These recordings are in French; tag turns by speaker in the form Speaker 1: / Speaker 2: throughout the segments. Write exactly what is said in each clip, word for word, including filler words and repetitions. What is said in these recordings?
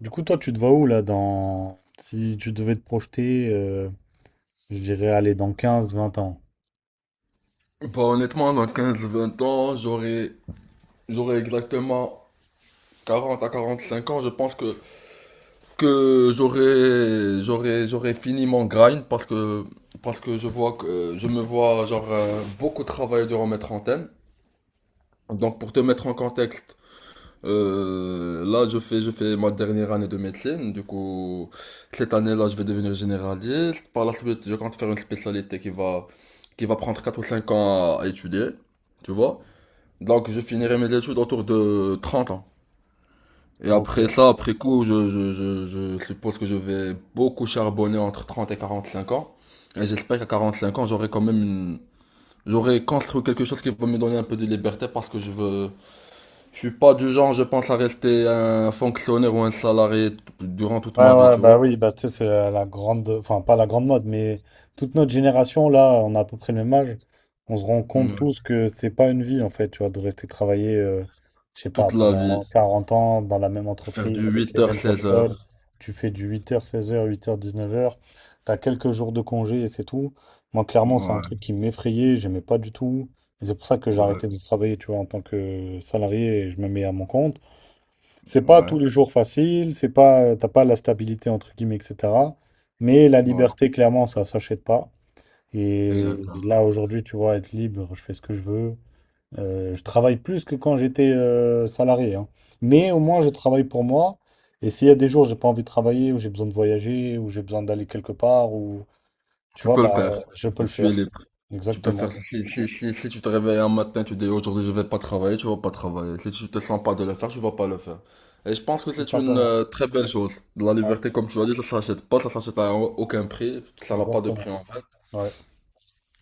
Speaker 1: Du coup, toi, tu te vois où là dans... Si tu devais te projeter, euh, je dirais aller dans quinze, vingt ans.
Speaker 2: Bah, honnêtement, dans quinze vingt ans, j'aurai, j'aurai exactement quarante à quarante cinq ans. Je pense que, que j'aurai, j'aurai, j'aurai fini mon grind parce que, parce que je vois que, je me vois, genre, euh, beaucoup travailler durant mes trentaines. Donc, pour te mettre en contexte, euh, là, je fais, je fais ma dernière année de médecine. Du coup, cette année-là, je vais devenir généraliste. Par la suite, je compte faire une spécialité qui va, qui va prendre quatre ou cinq ans à à étudier. Tu vois? Donc je finirai mes études autour de trente ans. Et
Speaker 1: Ok.
Speaker 2: après ça, après coup, je, je, je, je suppose que je vais beaucoup charbonner entre trente et quarante cinq ans. Et j'espère qu'à quarante cinq ans, j'aurai quand même une. J'aurai construit quelque chose qui va me donner un peu de liberté parce que je veux. Je suis pas du genre, je pense, à rester un fonctionnaire ou un salarié t- durant toute
Speaker 1: Ouais,
Speaker 2: ma vie,
Speaker 1: ouais,
Speaker 2: tu
Speaker 1: bah
Speaker 2: vois.
Speaker 1: oui, bah tu sais, c'est la, la grande, enfin pas la grande mode, mais toute notre génération, là, on a à peu près le même âge, on se rend compte
Speaker 2: Mm.
Speaker 1: tous que c'est pas une vie, en fait, tu vois, de rester travailler, euh, je sais pas,
Speaker 2: Toute la vie.
Speaker 1: pendant quarante ans dans la même
Speaker 2: Faire
Speaker 1: entreprise,
Speaker 2: du
Speaker 1: avec
Speaker 2: huit
Speaker 1: les
Speaker 2: heures
Speaker 1: mêmes
Speaker 2: seize
Speaker 1: personnes,
Speaker 2: heures
Speaker 1: tu fais du huit heures seize heures huit heures dix-neuf heures, t'as quelques jours de congé et c'est tout. Moi, clairement, c'est un
Speaker 2: Ouais,
Speaker 1: truc qui m'effrayait, j'aimais pas du tout, et c'est pour ça que j'ai
Speaker 2: ouais,
Speaker 1: arrêté de travailler, tu vois, en tant que salarié, et je me mets à mon compte. C'est pas
Speaker 2: ouais,
Speaker 1: tous les jours facile, c'est pas, euh, t'as pas la stabilité entre guillemets, et cetera. Mais la
Speaker 2: ouais.
Speaker 1: liberté, clairement, ça s'achète pas. Et
Speaker 2: Exactement.
Speaker 1: là, aujourd'hui, tu vois, être libre, je fais ce que je veux. Euh, je travaille plus que quand j'étais euh, salarié, hein. Mais au moins, je travaille pour moi. Et s'il y a des jours où j'ai pas envie de travailler, où j'ai besoin de voyager, où j'ai besoin d'aller quelque part, ou tu
Speaker 2: Tu
Speaker 1: vois,
Speaker 2: peux le
Speaker 1: bah,
Speaker 2: faire.
Speaker 1: je peux le
Speaker 2: Tu es
Speaker 1: faire.
Speaker 2: libre. Tu peux faire,
Speaker 1: Exactement.
Speaker 2: si, si, si, si tu te réveilles un matin, tu dis aujourd'hui je vais pas travailler, tu vas pas travailler. Si tu te sens pas de le faire, tu vas pas le faire. Et je pense que
Speaker 1: Tout
Speaker 2: c'est une
Speaker 1: simplement.
Speaker 2: euh, très belle chose. La
Speaker 1: Ouais,
Speaker 2: liberté, comme tu l'as dit, ça s'achète pas, ça s'achète à aucun prix, ça n'a pas de prix
Speaker 1: exactement.
Speaker 2: en fait.
Speaker 1: Ouais.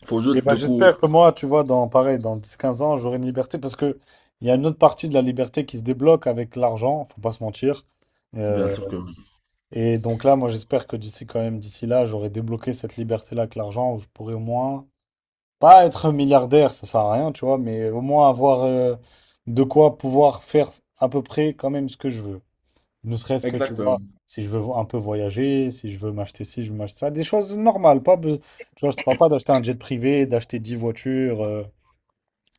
Speaker 2: Faut
Speaker 1: Et
Speaker 2: juste,
Speaker 1: ben,
Speaker 2: du coup.
Speaker 1: j'espère que moi, tu vois, dans pareil, dans dix quinze ans, j'aurai une liberté parce que il y a une autre partie de la liberté qui se débloque avec l'argent, faut pas se mentir.
Speaker 2: Bien
Speaker 1: Euh,
Speaker 2: sûr que oui.
Speaker 1: et donc là, moi, j'espère que d'ici quand même, d'ici là, j'aurai débloqué cette liberté-là avec l'argent où je pourrai au moins pas être milliardaire, ça sert à rien, tu vois, mais au moins avoir euh, de quoi pouvoir faire à peu près quand même ce que je veux. Ne serait-ce que, tu vois,
Speaker 2: Exactement.
Speaker 1: si je veux vo- un peu voyager, si je veux m'acheter ci, je veux m'acheter ça, des choses normales, pas, be- tu vois, je te parle pas d'acheter un jet privé, d'acheter dix voitures. euh,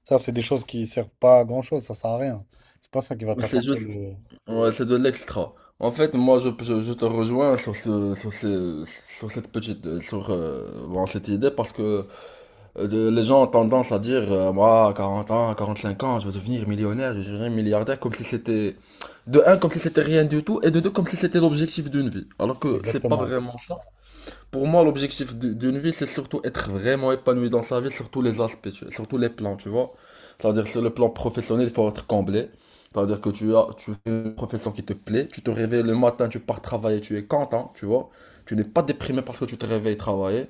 Speaker 1: Ça, c'est des choses qui servent pas à grand-chose, ça sert à rien. C'est pas ça qui va
Speaker 2: C'est
Speaker 1: t'apporter
Speaker 2: juste,
Speaker 1: le...
Speaker 2: ouais, c'est de l'extra. En fait, moi, je, je, je te rejoins sur ce, sur ce- sur cette petite, euh, sur, euh, bon, cette idée parce que. Euh, de- les gens ont tendance à dire, euh, moi, à quarante ans, quarante-cinq ans, je vais devenir millionnaire, je deviendrai milliardaire, comme si c'était, de un, comme si c'était rien du tout, et de deux, comme si c'était l'objectif d'une vie. Alors que c'est pas
Speaker 1: Exactement.
Speaker 2: vraiment ça. Pour moi, l'objectif d- d'une vie, c'est surtout être vraiment épanoui dans sa vie, sur tous les aspects, tu- sur tous les plans, tu vois. C'est-à-dire, sur le plan professionnel, il faut être comblé. C'est-à-dire que tu as, tu fais une profession qui te plaît, tu te réveilles le matin, tu pars travailler, tu es content, tu vois. Tu n'es pas déprimé parce que tu te réveilles travailler.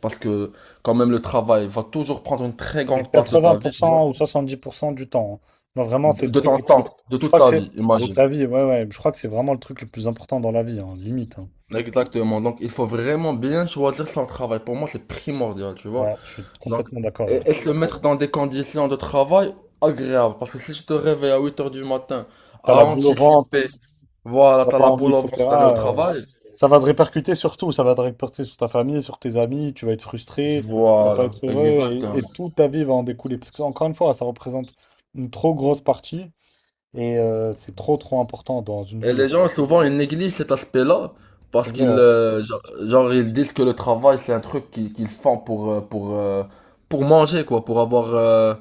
Speaker 2: Parce que quand même le travail va toujours prendre une très
Speaker 1: C'est
Speaker 2: grande place de ta vie, tu vois.
Speaker 1: quatre-vingts pour cent ou soixante-dix pour cent du temps, hein. Non, vraiment, c'est
Speaker 2: De,
Speaker 1: le
Speaker 2: de
Speaker 1: truc
Speaker 2: ton
Speaker 1: le plus...
Speaker 2: temps, de
Speaker 1: Je
Speaker 2: toute
Speaker 1: crois que
Speaker 2: ta vie,
Speaker 1: c'est... De
Speaker 2: imagine.
Speaker 1: ta vie, ouais, ouais. Je crois que c'est vraiment le truc le plus important dans la vie, hein, limite, hein.
Speaker 2: Exactement. Donc il faut vraiment bien choisir son travail. Pour moi, c'est primordial, tu vois.
Speaker 1: Ouais, je suis
Speaker 2: Donc,
Speaker 1: complètement d'accord,
Speaker 2: et,
Speaker 1: ouais.
Speaker 2: et se mettre dans des conditions de travail agréables. Parce que si je te réveille à huit heures du matin,
Speaker 1: T'as
Speaker 2: à
Speaker 1: la boule au ventre,
Speaker 2: anticiper, voilà,
Speaker 1: t'as
Speaker 2: t'as
Speaker 1: pas
Speaker 2: la
Speaker 1: envie,
Speaker 2: boule au ventre d'aller au
Speaker 1: et cetera euh,
Speaker 2: travail.
Speaker 1: Ça va se répercuter sur tout. Ça va te répercuter sur ta famille, sur tes amis. Tu vas être frustré, tu vas pas
Speaker 2: Voilà,
Speaker 1: être heureux, et,
Speaker 2: exactement.
Speaker 1: et toute ta vie va en découler. Parce que, encore une fois, ça représente une trop grosse partie. Et euh, c'est trop trop important dans une
Speaker 2: Et
Speaker 1: vie.
Speaker 2: les gens, souvent, ils négligent cet aspect-là
Speaker 1: C'est
Speaker 2: parce qu'ils
Speaker 1: vrai.
Speaker 2: euh, genre, genre, ils disent que le travail, c'est un truc qu'ils qu'ils font pour, euh, pour, euh, pour manger, quoi, pour avoir, euh,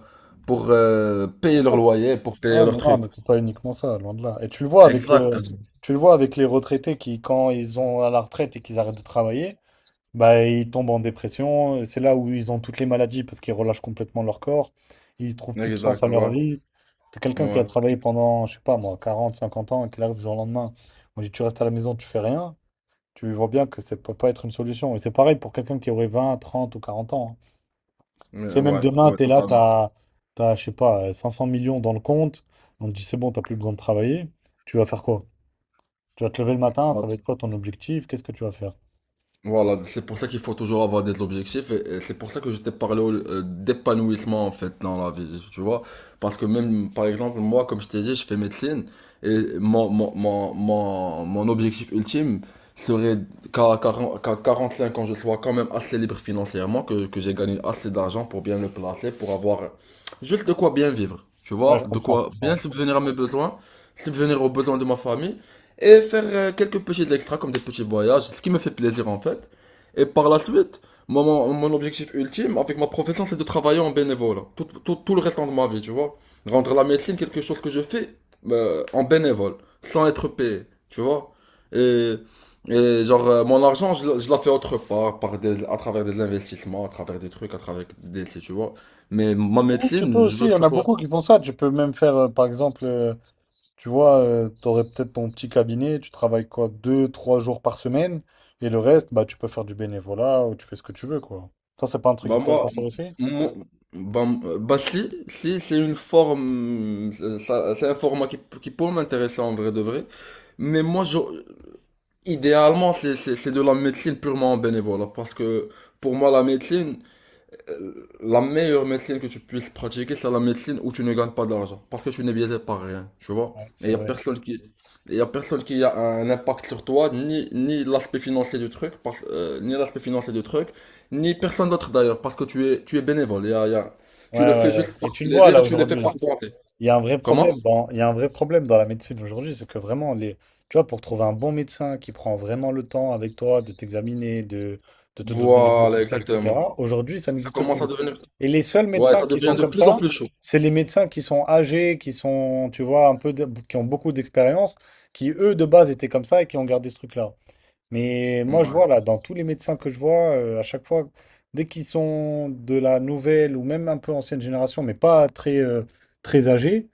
Speaker 2: pour euh, payer leur
Speaker 1: Ouais,
Speaker 2: loyer, pour
Speaker 1: mais
Speaker 2: payer
Speaker 1: ouais,
Speaker 2: leur
Speaker 1: mais non,
Speaker 2: truc.
Speaker 1: mais c'est pas uniquement ça, loin de là. Et tu le vois avec euh,
Speaker 2: Exactement.
Speaker 1: tu le vois avec les retraités qui, quand ils ont à la retraite et qu'ils arrêtent de travailler, bah ils tombent en dépression. C'est là où ils ont toutes les maladies parce qu'ils relâchent complètement leur corps. Ils trouvent plus de sens à
Speaker 2: Exactement,
Speaker 1: leur
Speaker 2: ouais.
Speaker 1: vie. T'as quelqu'un qui a
Speaker 2: Ouais.
Speaker 1: travaillé pendant, je sais pas moi, quarante, cinquante ans et qui arrive du jour au lendemain. On dit tu restes à la maison, tu fais rien. Tu vois bien que ça peut pas être une solution. Et c'est pareil pour quelqu'un qui aurait vingt, trente ou quarante ans, hein.
Speaker 2: Mais
Speaker 1: Tu sais, même
Speaker 2: ouais,
Speaker 1: demain,
Speaker 2: ouais,
Speaker 1: t'es là,
Speaker 2: totalement.
Speaker 1: t'as, t'as, je sais pas, euh, cinq cents millions dans le compte. On te dit, c'est bon, t'as plus besoin de travailler. Tu vas faire quoi? Tu vas te lever le matin, ça va être quoi ton objectif? Qu'est-ce que tu vas faire?
Speaker 2: Voilà, c'est pour ça qu'il faut toujours avoir des objectifs et, et c'est pour ça que je t'ai parlé au- euh, d'épanouissement en fait dans la vie, tu vois. Parce que même, par exemple, moi, comme je t'ai dit, je fais médecine et mon, mon, mon, mon, mon objectif ultime serait qu'à quarante qu'à quarante-cinq ans, je sois quand même assez libre financièrement, que, que j'ai gagné assez d'argent pour bien le placer, pour avoir juste de quoi bien vivre, tu
Speaker 1: Ouais,
Speaker 2: vois,
Speaker 1: je
Speaker 2: de
Speaker 1: comprends, je
Speaker 2: quoi bien
Speaker 1: comprends.
Speaker 2: subvenir à mes besoins, subvenir aux besoins de ma famille et faire euh, quelques petits extras comme des petits voyages, ce qui me fait plaisir en fait. Et par la suite, moi, mon, mon objectif ultime avec ma profession, c'est de travailler en bénévole. Tout, tout, tout le restant de ma vie, tu vois. Rendre la médecine quelque chose que je fais euh, en bénévole, sans être payé, tu vois. Et, et genre, euh, mon argent, je, je la fais autre part, par des, à travers des investissements, à travers des trucs, à travers des, tu vois. Mais ma
Speaker 1: Ou tu peux
Speaker 2: médecine, je
Speaker 1: aussi,
Speaker 2: veux
Speaker 1: il y
Speaker 2: que
Speaker 1: en
Speaker 2: ça
Speaker 1: a
Speaker 2: soit.
Speaker 1: beaucoup qui font ça. Tu peux même faire, euh, par exemple, euh, tu vois, euh, tu aurais peut-être ton petit cabinet, tu travailles quoi, deux, trois jours par semaine, et le reste, bah, tu peux faire du bénévolat ou tu fais ce que tu veux, quoi. Ça, c'est pas un truc qui
Speaker 2: Bah
Speaker 1: pourrait
Speaker 2: moi,
Speaker 1: t'intéresser?
Speaker 2: moi- bah, euh, bah, si, si c'est une forme, euh, ça- c'est un format qui, qui peut m'intéresser en vrai de vrai. Mais moi, je, idéalement, c'est c'est- c'est de la médecine purement en bénévolat. Parce que pour moi, la médecine, euh, la meilleure médecine que tu puisses pratiquer, c'est la médecine où tu ne gagnes pas d'argent. Parce que tu n'es biaisé par rien, tu vois.
Speaker 1: Ouais,
Speaker 2: Et il
Speaker 1: c'est
Speaker 2: n'y a
Speaker 1: vrai.
Speaker 2: personne qui, y a personne qui a un impact sur toi, ni, ni l'aspect financier du truc, parce, euh, ni l'aspect financier du truc, ni personne d'autre d'ailleurs, parce que tu es, tu es bénévole. Y a- y a-
Speaker 1: Ouais,
Speaker 2: tu le fais
Speaker 1: ouais, ouais.
Speaker 2: juste
Speaker 1: Et
Speaker 2: par
Speaker 1: tu le vois
Speaker 2: plaisir et
Speaker 1: là
Speaker 2: tu le fais
Speaker 1: aujourd'hui,
Speaker 2: par
Speaker 1: là.
Speaker 2: volonté.
Speaker 1: Il y a un vrai
Speaker 2: Comment?
Speaker 1: problème dans, il y a un vrai problème dans la médecine aujourd'hui, c'est que vraiment, les, tu vois, pour trouver un bon médecin qui prend vraiment le temps avec toi de t'examiner, de, de te donner les bons
Speaker 2: Voilà,
Speaker 1: conseils,
Speaker 2: exactement.
Speaker 1: et cetera, aujourd'hui, ça
Speaker 2: Ça
Speaker 1: n'existe
Speaker 2: commence à
Speaker 1: plus.
Speaker 2: devenir,
Speaker 1: Et les seuls
Speaker 2: ouais,
Speaker 1: médecins
Speaker 2: ça
Speaker 1: qui
Speaker 2: devient
Speaker 1: sont
Speaker 2: de
Speaker 1: comme
Speaker 2: plus en
Speaker 1: ça,
Speaker 2: plus chaud.
Speaker 1: c'est les médecins qui sont âgés, qui sont, tu vois, un peu, de- qui ont beaucoup d'expérience, qui, eux, de base, étaient comme ça et qui ont gardé ce truc-là. Mais moi, je
Speaker 2: Ouais,
Speaker 1: vois là, dans tous les médecins que je vois, euh, à chaque fois, dès qu'ils sont de la nouvelle ou même un peu ancienne génération, mais pas très, euh, très âgés,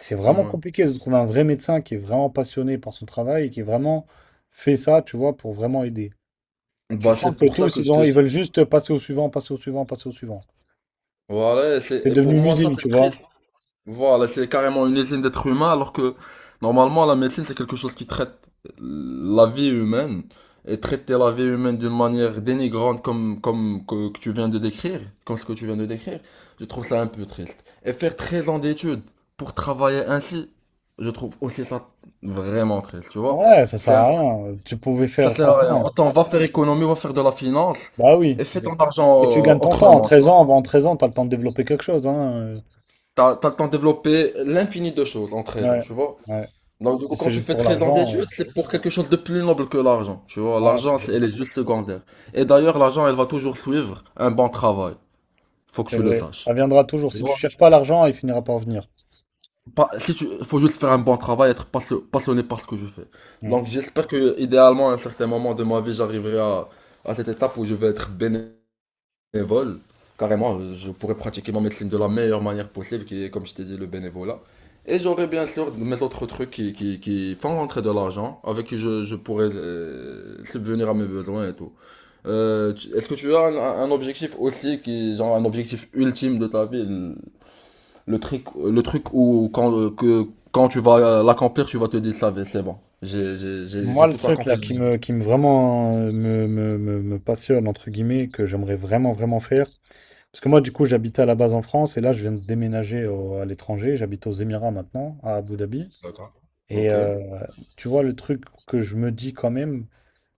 Speaker 1: c'est vraiment
Speaker 2: ouais.
Speaker 1: compliqué de trouver un vrai médecin qui est vraiment passionné par son travail et qui est vraiment fait ça, tu vois, pour vraiment aider. Tu
Speaker 2: Bah,
Speaker 1: sens
Speaker 2: c'est
Speaker 1: que
Speaker 2: pour ça
Speaker 1: tous,
Speaker 2: que je
Speaker 1: ils
Speaker 2: te
Speaker 1: ont, ils
Speaker 2: dis.
Speaker 1: veulent juste passer au suivant, passer au suivant, passer au suivant.
Speaker 2: Voilà, et c'est,
Speaker 1: C'est
Speaker 2: et
Speaker 1: devenu
Speaker 2: pour
Speaker 1: une
Speaker 2: moi, ça,
Speaker 1: usine,
Speaker 2: c'est
Speaker 1: tu vois.
Speaker 2: triste. Voilà, c'est carrément une usine d'êtres humains, alors que normalement la médecine c'est quelque chose qui traite la vie humaine et traiter la vie humaine d'une manière dénigrante comme comme que, que tu viens de décrire, comme ce que tu viens de décrire, je trouve ça un peu triste. Et faire treize ans d'études pour travailler ainsi, je trouve aussi ça vraiment triste, tu vois.
Speaker 1: Ouais, ça sert
Speaker 2: C'est un-
Speaker 1: à rien. Tu pouvais
Speaker 2: ça
Speaker 1: faire,
Speaker 2: sert à rien.
Speaker 1: franchement.
Speaker 2: Autant va faire économie, va faire de la finance
Speaker 1: Bah oui.
Speaker 2: et fais ton argent
Speaker 1: Et tu
Speaker 2: euh,
Speaker 1: gagnes ton temps. En
Speaker 2: autrement, tu
Speaker 1: treize
Speaker 2: vois.
Speaker 1: ans, avant treize ans, t'as le temps de développer quelque chose, hein.
Speaker 2: T'as, t'as le temps de développer l'infini de choses en treize ans,
Speaker 1: Ouais,
Speaker 2: tu vois.
Speaker 1: ouais.
Speaker 2: Donc, du
Speaker 1: Si
Speaker 2: coup, quand
Speaker 1: c'est
Speaker 2: tu
Speaker 1: juste
Speaker 2: fais
Speaker 1: pour
Speaker 2: très dans tes
Speaker 1: l'argent,
Speaker 2: c'est pour quelque chose de plus noble que l'argent. Tu vois,
Speaker 1: euh, ouais, c'est
Speaker 2: l'argent, c'est-
Speaker 1: vrai.
Speaker 2: elle est juste secondaire. Et d'ailleurs, l'argent, elle va toujours suivre un bon travail. Faut que
Speaker 1: C'est
Speaker 2: tu le
Speaker 1: vrai.
Speaker 2: saches.
Speaker 1: Ça viendra toujours.
Speaker 2: Tu
Speaker 1: Si tu
Speaker 2: vois,
Speaker 1: cherches pas l'argent, il finira par venir.
Speaker 2: pas- si tu, faut juste faire un bon travail, être passe- passionné par ce que je fais.
Speaker 1: Mm.
Speaker 2: Donc, j'espère que, idéalement, à un certain moment de ma vie, j'arriverai à, à cette étape où je vais être bénévole bénévole, carrément, je pourrais pratiquer ma médecine de la meilleure manière possible, qui est, comme je t'ai dit, le bénévolat. Et j'aurais bien sûr mes autres trucs qui, qui, qui font rentrer de l'argent, avec qui je, je pourrais euh, subvenir à mes besoins et tout. Euh, tu- Est-ce que tu as un, un objectif aussi, qui, genre un objectif ultime de ta vie, le, le truc, le truc où quand, euh, que, quand tu vas l'accomplir, tu vas te dire, ça va, c'est bon, j'ai j'ai- j'ai-
Speaker 1: Moi,
Speaker 2: j'ai
Speaker 1: le
Speaker 2: tout
Speaker 1: truc
Speaker 2: accompli
Speaker 1: là
Speaker 2: de
Speaker 1: qui
Speaker 2: ma vie.
Speaker 1: me, qui me vraiment euh, me, me- me- me passionne, entre guillemets, que j'aimerais vraiment, vraiment faire. Parce que moi, du coup, j'habitais à la base en France et là, je viens de déménager au- à l'étranger. J'habite aux Émirats maintenant, à Abu Dhabi.
Speaker 2: D'accord.
Speaker 1: Et
Speaker 2: Ok. Ouais.
Speaker 1: euh, tu vois, le truc que je me dis quand même,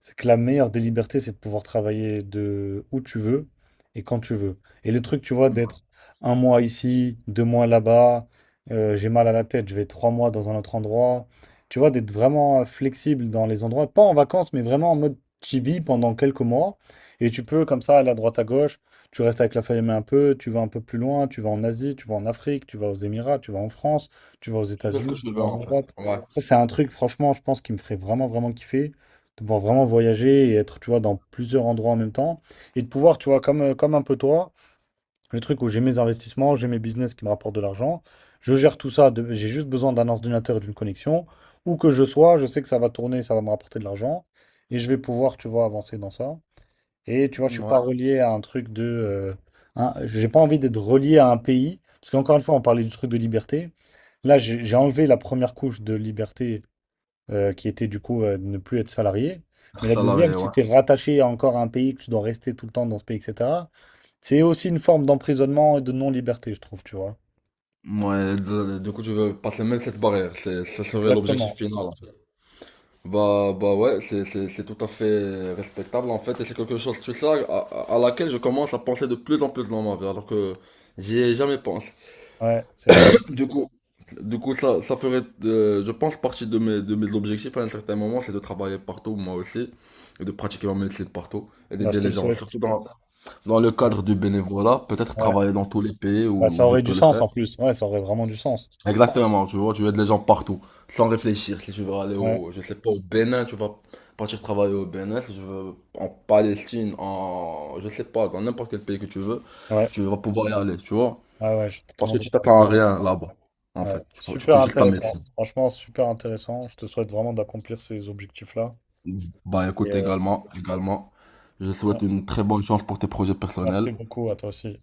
Speaker 1: c'est que la meilleure des libertés, c'est de pouvoir travailler de où tu veux et quand tu veux. Et le truc, tu vois, d'être un mois ici, deux mois là-bas, euh, j'ai mal à la tête, je vais trois mois dans un autre endroit. Tu vois, d'être vraiment euh, flexible dans les endroits, pas en vacances, mais vraiment en mode tu vis pendant quelques mois. Et tu peux, comme ça, aller à droite à gauche, tu restes avec la famille un peu, tu vas un peu plus loin, tu vas en Asie, tu vas en Afrique, tu vas aux Émirats, tu vas en France, tu vas aux
Speaker 2: Je fais ce que
Speaker 1: États-Unis,
Speaker 2: je
Speaker 1: tu
Speaker 2: veux
Speaker 1: vas en
Speaker 2: en fait.
Speaker 1: Europe.
Speaker 2: Ouais.
Speaker 1: Ça, c'est un truc, franchement, je pense qui me ferait vraiment, vraiment kiffer, de pouvoir vraiment voyager et être, tu vois, dans plusieurs endroits en même temps. Et de pouvoir, tu vois, comme, euh, comme un peu toi, le truc où j'ai mes investissements, j'ai mes business qui me rapportent de l'argent, je gère tout ça, de- j'ai juste besoin d'un ordinateur et d'une connexion. Où que je sois, je sais que ça va tourner, ça va me rapporter de l'argent. Et je vais pouvoir, tu vois, avancer dans ça. Et tu vois, je suis pas
Speaker 2: Ouais.
Speaker 1: relié à un truc de... euh, un- J'ai pas envie d'être relié à un pays. Parce qu'encore une fois, on parlait du truc de liberté. Là, j'ai j'ai enlevé la première couche de liberté euh, qui était du coup euh, de ne plus être salarié. Mais la deuxième,
Speaker 2: Salarié,
Speaker 1: si
Speaker 2: ouais.
Speaker 1: tu es rattaché à encore à un pays, que tu dois rester tout le temps dans ce pays, et cetera, c'est aussi une forme d'emprisonnement et de non-liberté, je trouve, tu vois.
Speaker 2: Ouais, d- du coup, tu veux passer même cette barrière, c'est, ça serait l'objectif
Speaker 1: Exactement.
Speaker 2: final, en fait. Bah, bah ouais, c'est, c'est, c'est tout à fait respectable en fait, et c'est quelque chose, tu sais, à, à- à laquelle je commence à penser de plus en plus dans ma vie, alors que j'y ai jamais pensé.
Speaker 1: Ouais, c'est vrai.
Speaker 2: Du coup, du coup ça, ça ferait, euh, je pense, partie de mes, de mes objectifs à un certain moment, c'est de travailler partout, moi aussi, et de pratiquer ma médecine partout, et
Speaker 1: Bah, je
Speaker 2: d'aider
Speaker 1: te
Speaker 2: les
Speaker 1: le
Speaker 2: gens,
Speaker 1: souhaite.
Speaker 2: surtout dans, dans le
Speaker 1: Ouais,
Speaker 2: cadre du bénévolat, peut-être
Speaker 1: ouais.
Speaker 2: travailler dans tous les pays
Speaker 1: Bah,
Speaker 2: où
Speaker 1: ça
Speaker 2: où je
Speaker 1: aurait du
Speaker 2: peux le
Speaker 1: sens
Speaker 2: faire.
Speaker 1: en plus. Ouais, ça aurait vraiment du sens.
Speaker 2: Exactement, tu vois, tu as des gens partout, sans réfléchir. Si tu veux aller
Speaker 1: Ouais,
Speaker 2: au, je sais pas, au Bénin, tu vas partir travailler au Bénin. Si tu veux en Palestine, en, je sais pas, dans n'importe quel pays que tu veux,
Speaker 1: ouais,
Speaker 2: tu vas pouvoir y aller, tu vois.
Speaker 1: ouais, ouais, je suis
Speaker 2: Parce
Speaker 1: totalement
Speaker 2: que tu
Speaker 1: d'accord avec
Speaker 2: t'attends
Speaker 1: toi.
Speaker 2: à rien là-bas, en
Speaker 1: Ouais.
Speaker 2: fait. Tu, prends- tu
Speaker 1: Super
Speaker 2: fais juste ta médecine.
Speaker 1: intéressant. Franchement, super intéressant. Je te souhaite vraiment d'accomplir ces objectifs-là.
Speaker 2: Bah
Speaker 1: Et
Speaker 2: écoute,
Speaker 1: euh,
Speaker 2: également, également, je
Speaker 1: ouais,
Speaker 2: souhaite une très bonne chance pour tes projets
Speaker 1: merci
Speaker 2: personnels.
Speaker 1: beaucoup à toi aussi.